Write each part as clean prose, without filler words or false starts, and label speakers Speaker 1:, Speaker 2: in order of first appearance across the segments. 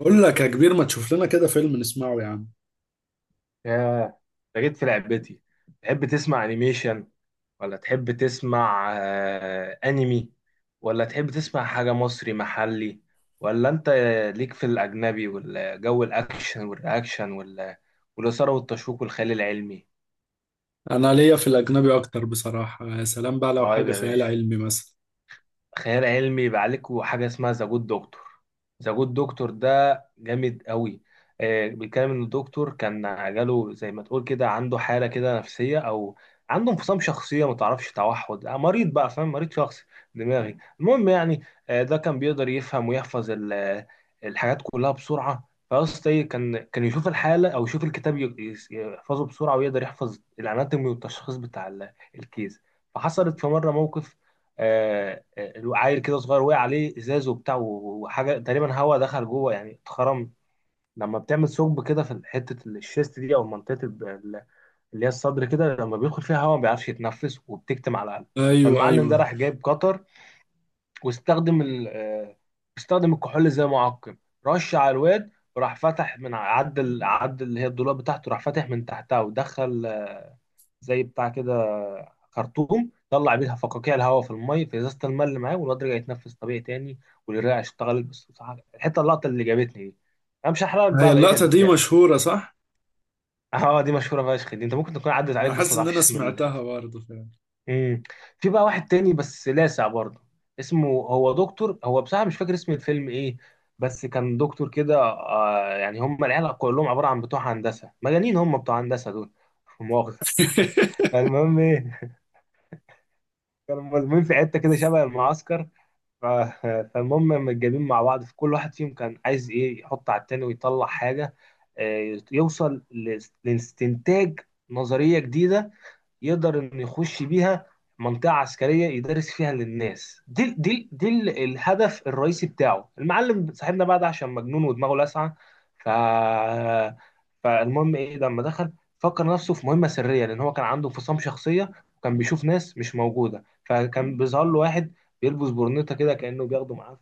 Speaker 1: بقول لك يا كبير، ما تشوف لنا كده فيلم نسمعه يا عم.
Speaker 2: ياه. ده جيت في لعبتي. تحب تسمع انيميشن، ولا تحب تسمع انمي، ولا تحب تسمع حاجة مصري محلي؟ ولا انت ليك في الاجنبي والجو الاكشن والرياكشن والاثارة والتشويق والخيال العلمي؟
Speaker 1: انا ليا في الاجنبي اكتر بصراحة، يا سلام بقى لو
Speaker 2: طيب
Speaker 1: حاجة
Speaker 2: يا
Speaker 1: خيال
Speaker 2: باشا،
Speaker 1: علمي مثلا.
Speaker 2: خيال علمي يبقى عليك حاجه اسمها ذا جود دكتور. ذا جود دكتور ده جامد قوي. بيتكلم ان الدكتور كان جاله زي ما تقول كده، عنده حاله كده نفسيه، او عنده انفصام شخصيه، ما تعرفش، توحد، مريض بقى، فاهم؟ مريض شخصي دماغي، المهم يعني. ده كان بيقدر يفهم ويحفظ الحاجات كلها بسرعه. فاصل ايه، كان يشوف الحاله او يشوف الكتاب يحفظه بسرعه، ويقدر يحفظ الاناتومي والتشخيص بتاع الكيس. فحصلت في مره موقف، آه، عيل كده صغير وقع عليه ازاز وبتاع وحاجه، تقريبا هوا دخل جوه يعني، اتخرم. لما بتعمل ثقب كده في حته الشيست دي، او منطقه اللي هي الصدر كده، لما بيدخل فيها هوا ما بيعرفش يتنفس، وبتكتم على القلب.
Speaker 1: ايوه
Speaker 2: فالمعلم ده
Speaker 1: ايوه،
Speaker 2: راح جايب قطر، واستخدم ال آه، استخدم الكحول زي معقم، رش على الواد، وراح فتح من عدل اللي هي الدولاب بتاعته، راح فاتح من تحتها ودخل زي بتاع كده خرطوم، طلع بيها فقاقيع الهواء في الميه في ازازه الماء اللي معاه، والواد رجع يتنفس طبيعي تاني، والرئه اشتغلت. بس بصراحة اللقطه اللي جابتني دي. انا مش هحرقك
Speaker 1: هي
Speaker 2: بقى بقيه
Speaker 1: اللقطة دي
Speaker 2: البتاع.
Speaker 1: مشهورة صح.
Speaker 2: اه دي مشهوره فشخ دي، انت ممكن تكون عدت عليك
Speaker 1: انا
Speaker 2: بس
Speaker 1: حاسس
Speaker 2: ما
Speaker 1: ان انا
Speaker 2: تعرفش
Speaker 1: سمعتها
Speaker 2: الاسم.
Speaker 1: برضه فعلا.
Speaker 2: امم. في بقى واحد تاني بس لاسع برضه، اسمه هو دكتور، هو بصراحه مش فاكر اسم الفيلم ايه، بس كان دكتور كده، يعني هم العيال كلهم عباره عن بتوع هندسه مجانين، هم بتوع هندسه دول. مؤاخذة. فالمهم ايه، كانوا ملمومين في حته كده شبه المعسكر. ف- فالمهم متجابين مع بعض، فكل واحد فيهم كان عايز ايه، يحط على التاني ويطلع حاجه، يوصل لاستنتاج، نظريه جديده، يقدر انه يخش بيها منطقة عسكرية يدرس فيها للناس. الهدف الرئيسي بتاعه المعلم صاحبنا بقى ده، عشان مجنون ودماغه لاسعة. ف فالمهم ايه، لما دخل فكر نفسه في مهمة سرية، لان هو كان عنده انفصام شخصية، وكان بيشوف ناس مش موجودة، فكان بيظهر له واحد بيلبس برنيطة كده كأنه بياخده معاه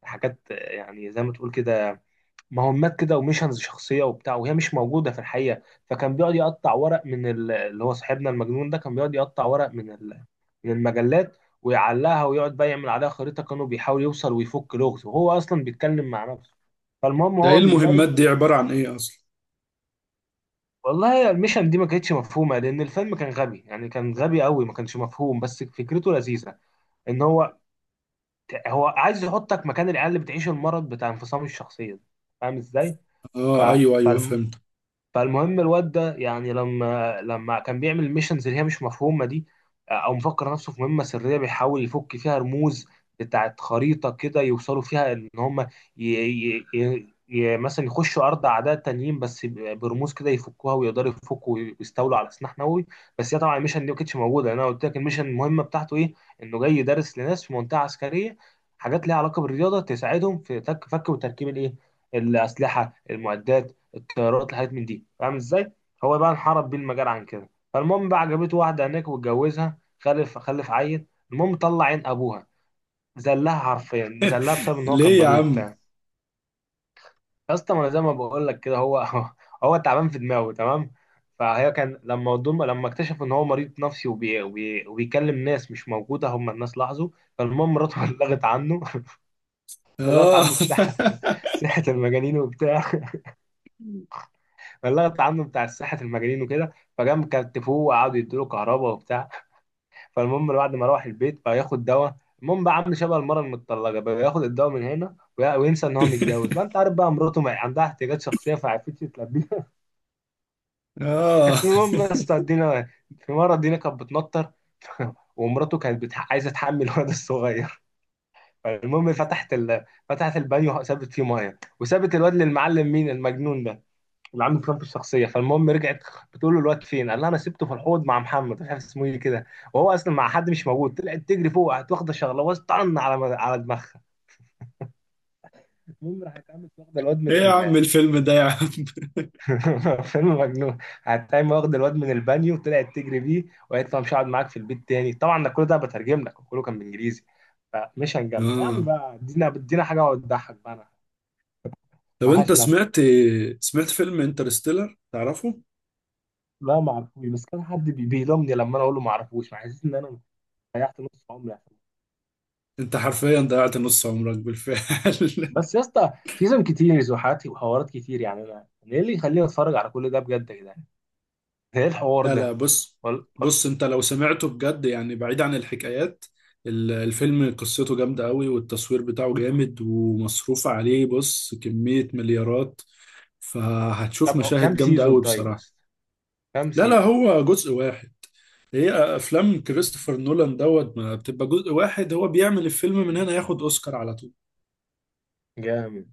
Speaker 2: في حاجات، يعني زي ما تقول كده مهمات كده وميشنز شخصيه وبتاع، وهي مش موجوده في الحقيقه. فكان بيقعد يقطع ورق من اللي هو صاحبنا المجنون ده كان بيقعد يقطع ورق من من المجلات، ويعلقها ويقعد بقى يعمل عليها خريطه، كانوا بيحاول يوصل ويفك لغز، وهو اصلا بيتكلم مع نفسه. فالمهم
Speaker 1: ده ايه
Speaker 2: هو
Speaker 1: المهمات
Speaker 2: بيدرس
Speaker 1: دي عبارة عن ايه اصلا؟
Speaker 2: والله الميشن دي ما كانتش مفهومه، لان الفيلم كان غبي يعني، كان غبي قوي، ما كانش مفهوم، بس فكرته لذيذه. ان هو عايز يحطك مكان العيال اللي بتعيش المرض بتاع انفصام الشخصيه ده. فاهم ازاي؟ ف...
Speaker 1: اه ايوه ايوه، فهمت.
Speaker 2: فالمهم الواد ده يعني، لما كان بيعمل الميشنز اللي هي مش مفهومه دي، او مفكر نفسه في مهمه سريه بيحاول يفك فيها رموز بتاعت خريطه كده، يوصلوا فيها ان هم مثلا يخشوا ارض اعداء تانيين، بس برموز كده يفكوها، ويقدروا يفكوا ويستولوا على سلاح نووي. بس هي طبعا الميشن دي ما كانتش موجوده، لأن انا قلت لك الميشن المهمه بتاعته ايه، انه جاي يدرس لناس في منطقه عسكريه حاجات ليها علاقه بالرياضه، تساعدهم في فك وتركيب الايه، الاسلحه، المعدات، الطيارات، الحاجات من دي، فاهم ازاي؟ هو بقى انحرف بيه المجال عن كده. فالمهم بقى عجبته واحده هناك واتجوزها، خلف عيل. المهم طلع عين ابوها، زلها حرفيا، زلها بسبب ان هو كان
Speaker 1: ليه يا
Speaker 2: مريض
Speaker 1: عم؟
Speaker 2: وبتاع. يا اسطى، ما انا زي ما بقول لك كده، هو هو تعبان في دماغه تمام. فهي كان لما اكتشف ان هو مريض نفسي وبيكلم ناس مش موجوده، هم الناس لاحظوا. فالمهم مراته بلغت عنه، بلغت
Speaker 1: اه.
Speaker 2: عنه الصحه، صحه المجانين وبتاع، فاللغط عنه بتاع الساحة المجانين وكده. فجم كتفوه وقعدوا يدوا له كهرباء وبتاع. فالمهم بعد ما روح البيت بقى ياخد دواء، المهم بقى عامل شبه المرة المتطلقة بقى، ياخد الدواء من هنا وينسى ان هو متجوز، ما انت عارف بقى مراته ما عندها احتياجات شخصية فعرفتش تلبيها.
Speaker 1: اه،
Speaker 2: المهم يا اسطى الدينا، في مرة الدينا كانت بتنطر، ومراته كانت عايزة تحمل. الولد الصغير، فالمهم فتحت فتحت البانيو، سابت فيه ميه، وسابت الواد للمعلم، مين؟ المجنون ده اللي عنده بطاقته الشخصيه. فالمهم رجعت بتقول له الواد فين، قال لها: انا سبته في الحوض مع محمد، مش عارف اسمه ايه كده، وهو اصلا مع حد مش موجود. طلعت تجري فوق، قعدت واخده شغله طن على دماغها. المهم راحت قامت واخده الواد من
Speaker 1: ايه يا عم الفيلم ده يا عم؟
Speaker 2: فيلم مجنون. قعدت قايمه واخده الواد من البانيو، وطلعت تجري بيه، وقالت له: أنا مش هقعد معاك في البيت تاني. طبعا ده كل ده بترجم لك، وكله كان بالانجليزي. فمش هنجمع يا عم
Speaker 1: اه،
Speaker 2: بقى، ادينا حاجه تضحك بقى،
Speaker 1: طب
Speaker 2: انا
Speaker 1: انت
Speaker 2: عشان اضحك.
Speaker 1: سمعت، سمعت فيلم انترستيلر تعرفه؟
Speaker 2: لا ما اعرفوش، بس كان حد بيلومني لما انا اقول له ما اعرفوش، مع اساس ان انا ضيعت نص عمري.
Speaker 1: انت حرفيا ضيعت نص عمرك بالفعل.
Speaker 2: بس يا اسطى، سيزون كتير، زحات وحوارات كتير، يعني أنا ايه اللي يخليني اتفرج على كل ده بجد يا جدعان؟ ايه الحوار
Speaker 1: لا لا،
Speaker 2: ده؟
Speaker 1: بص،
Speaker 2: وال...
Speaker 1: بص انت لو سمعته بجد يعني بعيد عن الحكايات، الفيلم قصته جامدة قوي والتصوير بتاعه جامد ومصروف عليه، بص كمية مليارات. فهتشوف
Speaker 2: طب
Speaker 1: مشاهد
Speaker 2: كام
Speaker 1: جامدة
Speaker 2: سيزون
Speaker 1: قوي
Speaker 2: طيب،
Speaker 1: بصراحة.
Speaker 2: بس كام
Speaker 1: لا لا،
Speaker 2: سيزون؟
Speaker 1: هو جزء واحد. هي افلام كريستوفر نولان دوت ما بتبقى جزء واحد، هو بيعمل الفيلم من هنا ياخد اوسكار على طول.
Speaker 2: جامد.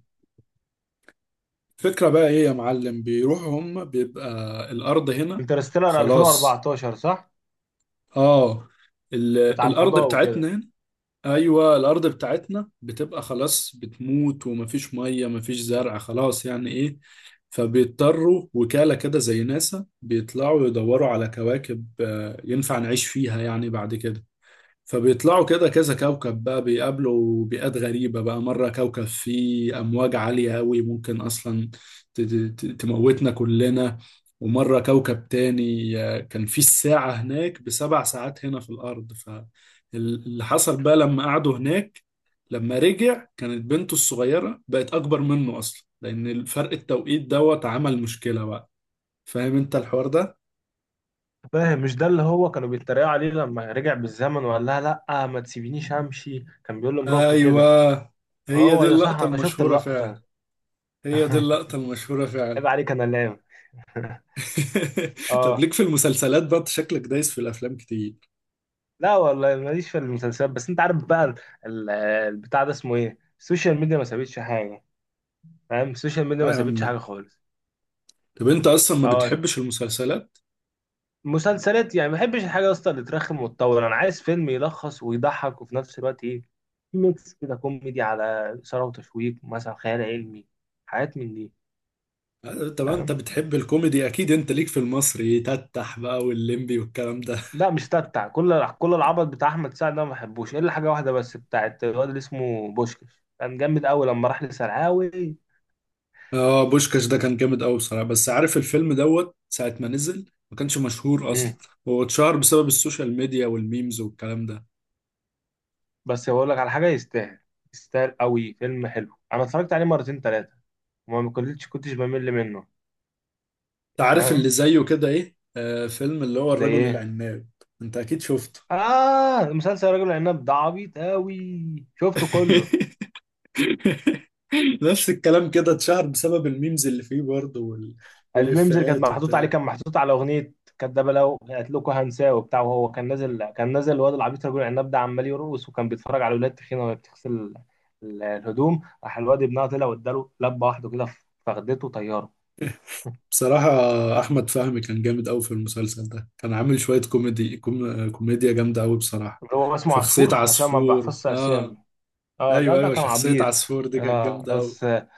Speaker 1: الفكرة بقى ايه يا معلم؟ بيروحوا هم، بيبقى الارض هنا
Speaker 2: انترستيلر
Speaker 1: خلاص.
Speaker 2: 2014، صح؟
Speaker 1: اه، ال...
Speaker 2: بتاع
Speaker 1: الارض
Speaker 2: الفضاء وكده؟
Speaker 1: بتاعتنا. ايوه، الارض بتاعتنا بتبقى خلاص، بتموت، ومفيش ميه مفيش زرع، خلاص يعني ايه. فبيضطروا وكالة كده زي ناسا بيطلعوا يدوروا على كواكب ينفع نعيش فيها يعني بعد كده. فبيطلعوا كده كذا كوكب بقى، بيقابلوا بيئات غريبة بقى. مرة كوكب فيه أمواج عالية أوي ممكن أصلا تموتنا كلنا. ومرة كوكب تاني كان فيه الساعة هناك بسبع ساعات هنا في الأرض. فاللي حصل بقى لما قعدوا هناك، لما رجع كانت بنته الصغيرة بقت أكبر منه أصلا، لأن الفرق التوقيت دوت عمل مشكلة بقى. فاهم أنت الحوار ده؟
Speaker 2: فاهم، مش ده اللي هو كانوا بيتريقوا عليه لما رجع بالزمن وقال لها: لا ما تسيبينيش امشي، كان بيقول لمراته كده؟
Speaker 1: أيوه، هي
Speaker 2: هو
Speaker 1: دي
Speaker 2: ده صح،
Speaker 1: اللقطة
Speaker 2: انا شفت
Speaker 1: المشهورة
Speaker 2: اللقطة.
Speaker 1: فعلا. هي دي اللقطة المشهورة
Speaker 2: عيب
Speaker 1: فعلا.
Speaker 2: عليك انا لام.
Speaker 1: طب
Speaker 2: اه.
Speaker 1: ليك في المسلسلات بقى؟ أنت شكلك دايس في الأفلام كتير.
Speaker 2: لا والله، ماليش في المسلسلات، بس انت عارف بقى ال- البتاع ده اسمه ايه، السوشيال ميديا ما سابتش حاجه، فاهم؟ السوشيال ميديا
Speaker 1: اه
Speaker 2: ما
Speaker 1: يا
Speaker 2: سابتش
Speaker 1: عم.
Speaker 2: حاجه خالص.
Speaker 1: طب أنت أصلا ما
Speaker 2: اه.
Speaker 1: بتحبش المسلسلات؟
Speaker 2: مسلسلات يعني، ما بحبش الحاجه يا اسطى اللي ترخم وتطول، انا عايز فيلم يلخص ويضحك، وفي نفس الوقت ايه، في ميكس كده كوميدي على اثاره وتشويق، مثلا خيال علمي، حاجات من دي.
Speaker 1: طب أنت
Speaker 2: فاهم.
Speaker 1: بتحب الكوميدي أكيد، أنت ليك في المصري يتتح بقى، واللمبي والكلام ده.
Speaker 2: لا مش تتع، كل العبط بتاع احمد سعد ده ما بحبوش، الا حاجه واحده بس بتاعت الواد اللي اسمه بوشكش، كان جامد قوي لما راح لسرعاوي.
Speaker 1: اه، بوشكاش ده كان جامد أوي بصراحة، بس عارف الفيلم دوت ساعة ما نزل ما كانش مشهور أصلا. هو اتشهر بسبب السوشيال ميديا والميمز والكلام ده.
Speaker 2: بس بقول لك على حاجه يستاهل، يستاهل قوي، فيلم حلو، انا اتفرجت عليه مرتين ثلاثه، وما كنتش بمل منه.
Speaker 1: أنت عارف اللي
Speaker 2: فاهم.
Speaker 1: زيه كده إيه؟ آه، فيلم اللي هو
Speaker 2: زي
Speaker 1: الرجل
Speaker 2: ايه؟
Speaker 1: العناب. أنت أكيد شفته.
Speaker 2: اه، مسلسل راجل العناب ده عبيط قوي، شفته كله.
Speaker 1: نفس الكلام، كده اتشهر بسبب الميمز اللي فيه برضه
Speaker 2: الميمز اللي كانت
Speaker 1: والإفيهات
Speaker 2: محطوط عليه،
Speaker 1: وبتاع.
Speaker 2: كان محطوط على اغنيه كدابه لو قالت لكم هنساه وبتاع، وهو كان نازل الواد العبيط رجل العناب ده عمال يرقص، وكان بيتفرج على ولاد تخينه وهي بتغسل الهدوم، راح الواد ابنها طلع واداله لبه واحده كده في فخدته طياره.
Speaker 1: بصراحة أحمد فهمي كان جامد أوي في المسلسل ده، كان عامل شوية كوميدي كوميديا جامدة أوي بصراحة.
Speaker 2: اللي هو اسمه
Speaker 1: شخصية
Speaker 2: عصفور، عشان ما
Speaker 1: عصفور
Speaker 2: بحفظش اسامي.
Speaker 1: آه.
Speaker 2: اه. لا
Speaker 1: أيوه
Speaker 2: ده
Speaker 1: أيوه،
Speaker 2: كان
Speaker 1: شخصية
Speaker 2: عبيط.
Speaker 1: عصفور دي كانت
Speaker 2: اه
Speaker 1: جامدة أوي.
Speaker 2: بس.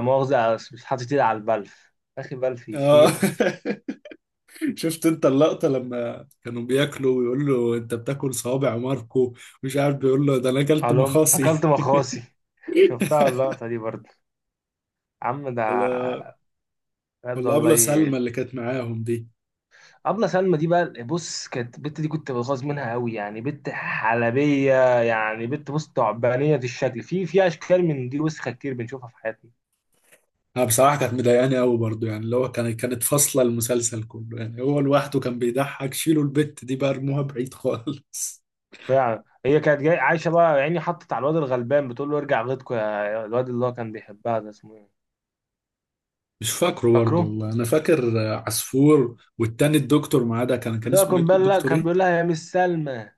Speaker 2: مؤاخذة، بس مش حاطط ايدي على البلف، اخي بلف
Speaker 1: آه.
Speaker 2: يشيلك.
Speaker 1: شفت أنت اللقطة لما كانوا بياكلوا ويقول له أنت بتاكل صوابع ماركو؟ مش عارف بيقول له ده أنا أكلت
Speaker 2: علوم
Speaker 1: مخاصي.
Speaker 2: اكلت مخاصي. شفتها اللقطة دي برضه. عم ده،
Speaker 1: ولا.
Speaker 2: بجد
Speaker 1: ولا أبلة سلمى
Speaker 2: والله.
Speaker 1: اللي كانت معاهم دي.
Speaker 2: ابله سلمى دي بقى، بص، كانت البت دي كنت بغاظ منها قوي، يعني بنت حلبية، يعني بنت بص تعبانية الشكل، في اشكال من دي وسخة كتير بنشوفها في حياتنا.
Speaker 1: أنا بصراحة كانت مضايقاني أوي برضه، يعني اللي هو كانت فاصلة المسلسل كله، يعني هو لوحده كان بيضحك. شيلوا البت دي بقى، ارموها بعيد خالص.
Speaker 2: فعلا، هي كانت جاي عايشة بقى يعني، حطت على الواد الغلبان بتقول له ارجع غيطكوا يا الواد، اللي هو كان بيحبها ده اسمه ايه؟
Speaker 1: مش فاكره برضه
Speaker 2: فاكره.
Speaker 1: والله. أنا فاكر عصفور، والتاني الدكتور معاه ده كان كان
Speaker 2: اللي هو
Speaker 1: اسمه إيه؟
Speaker 2: كان بيقول لها
Speaker 1: دكتور
Speaker 2: كان
Speaker 1: إيه؟
Speaker 2: بيقول لها يا مس سلمى،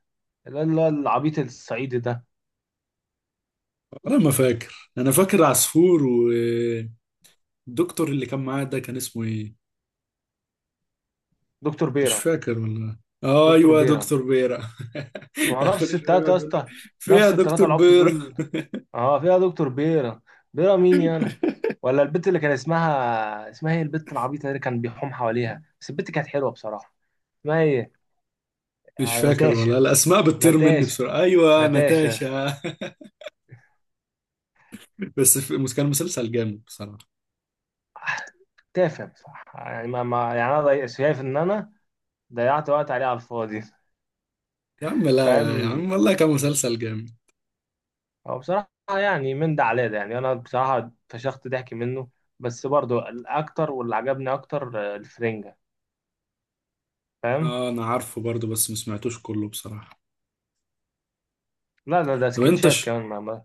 Speaker 2: اللي هو العبيط الصعيدي ده.
Speaker 1: أنا ما فاكر، أنا فاكر عصفور، والدكتور اللي كان معاه ده كان اسمه إيه؟
Speaker 2: دكتور
Speaker 1: مش
Speaker 2: بيرم.
Speaker 1: فاكر والله.
Speaker 2: دكتور
Speaker 1: أيوه يا
Speaker 2: بيرم.
Speaker 1: دكتور بيرة.
Speaker 2: ما هو
Speaker 1: كان
Speaker 2: نفس
Speaker 1: كل شوية
Speaker 2: التلاتة
Speaker 1: يقعد
Speaker 2: يا
Speaker 1: يقول له
Speaker 2: اسطى،
Speaker 1: فين يا
Speaker 2: نفس التلاتة
Speaker 1: دكتور
Speaker 2: العبط
Speaker 1: بيرة.
Speaker 2: دول. اه فيها دكتور بيرم. بيرم مين يانا؟ ولا البت اللي كان اسمها ايه، البت العبيطة اللي كان بيحوم حواليها، بس البت كانت حلوة بصراحة، اسمها ايه؟
Speaker 1: مش فاكر
Speaker 2: ناتاشا.
Speaker 1: والله، الأسماء بتطير مني
Speaker 2: ناتاشا،
Speaker 1: بسرعة. أيوه
Speaker 2: ناتاشا يا اسطى.
Speaker 1: ناتاشا. بس كان مسلسل جامد بصراحة.
Speaker 2: تافه بصراحة يعني، ما... ما... يعني انا شايف ان انا ضيعت وقت عليه على الفاضي.
Speaker 1: يا عم لا، يا
Speaker 2: فاهم،
Speaker 1: عم والله كان مسلسل جامد.
Speaker 2: هو بصراحة يعني من ده على ده، يعني أنا بصراحة فشخت ضحك منه. بس برضه الأكتر، واللي عجبني أكتر الفرنجة. فاهم؟
Speaker 1: اه انا عارفه برضو، بس ما سمعتوش كله بصراحة.
Speaker 2: لا، ده
Speaker 1: طب انت
Speaker 2: سكتشات
Speaker 1: ش...
Speaker 2: كمان،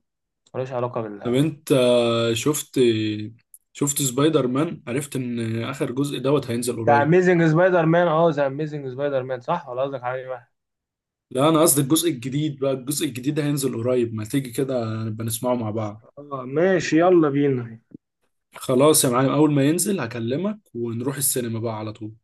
Speaker 2: ملوش علاقة
Speaker 1: طب
Speaker 2: بال.
Speaker 1: انت شفت، شفت سبايدر مان؟ عرفت ان اخر جزء دوت هينزل
Speaker 2: ده
Speaker 1: قريب.
Speaker 2: أميزنج سبايدر مان؟ أه، ذا أميزنج سبايدر مان، صح؟ ولا قصدك على أي واحد؟
Speaker 1: لا انا قصدي الجزء الجديد بقى، الجزء الجديد هينزل قريب، ما تيجي كده نبقى نسمعه مع بعض.
Speaker 2: اه ماشي، يلا بينا.
Speaker 1: خلاص يا معلم، اول ما ينزل هكلمك ونروح السينما بقى على طول.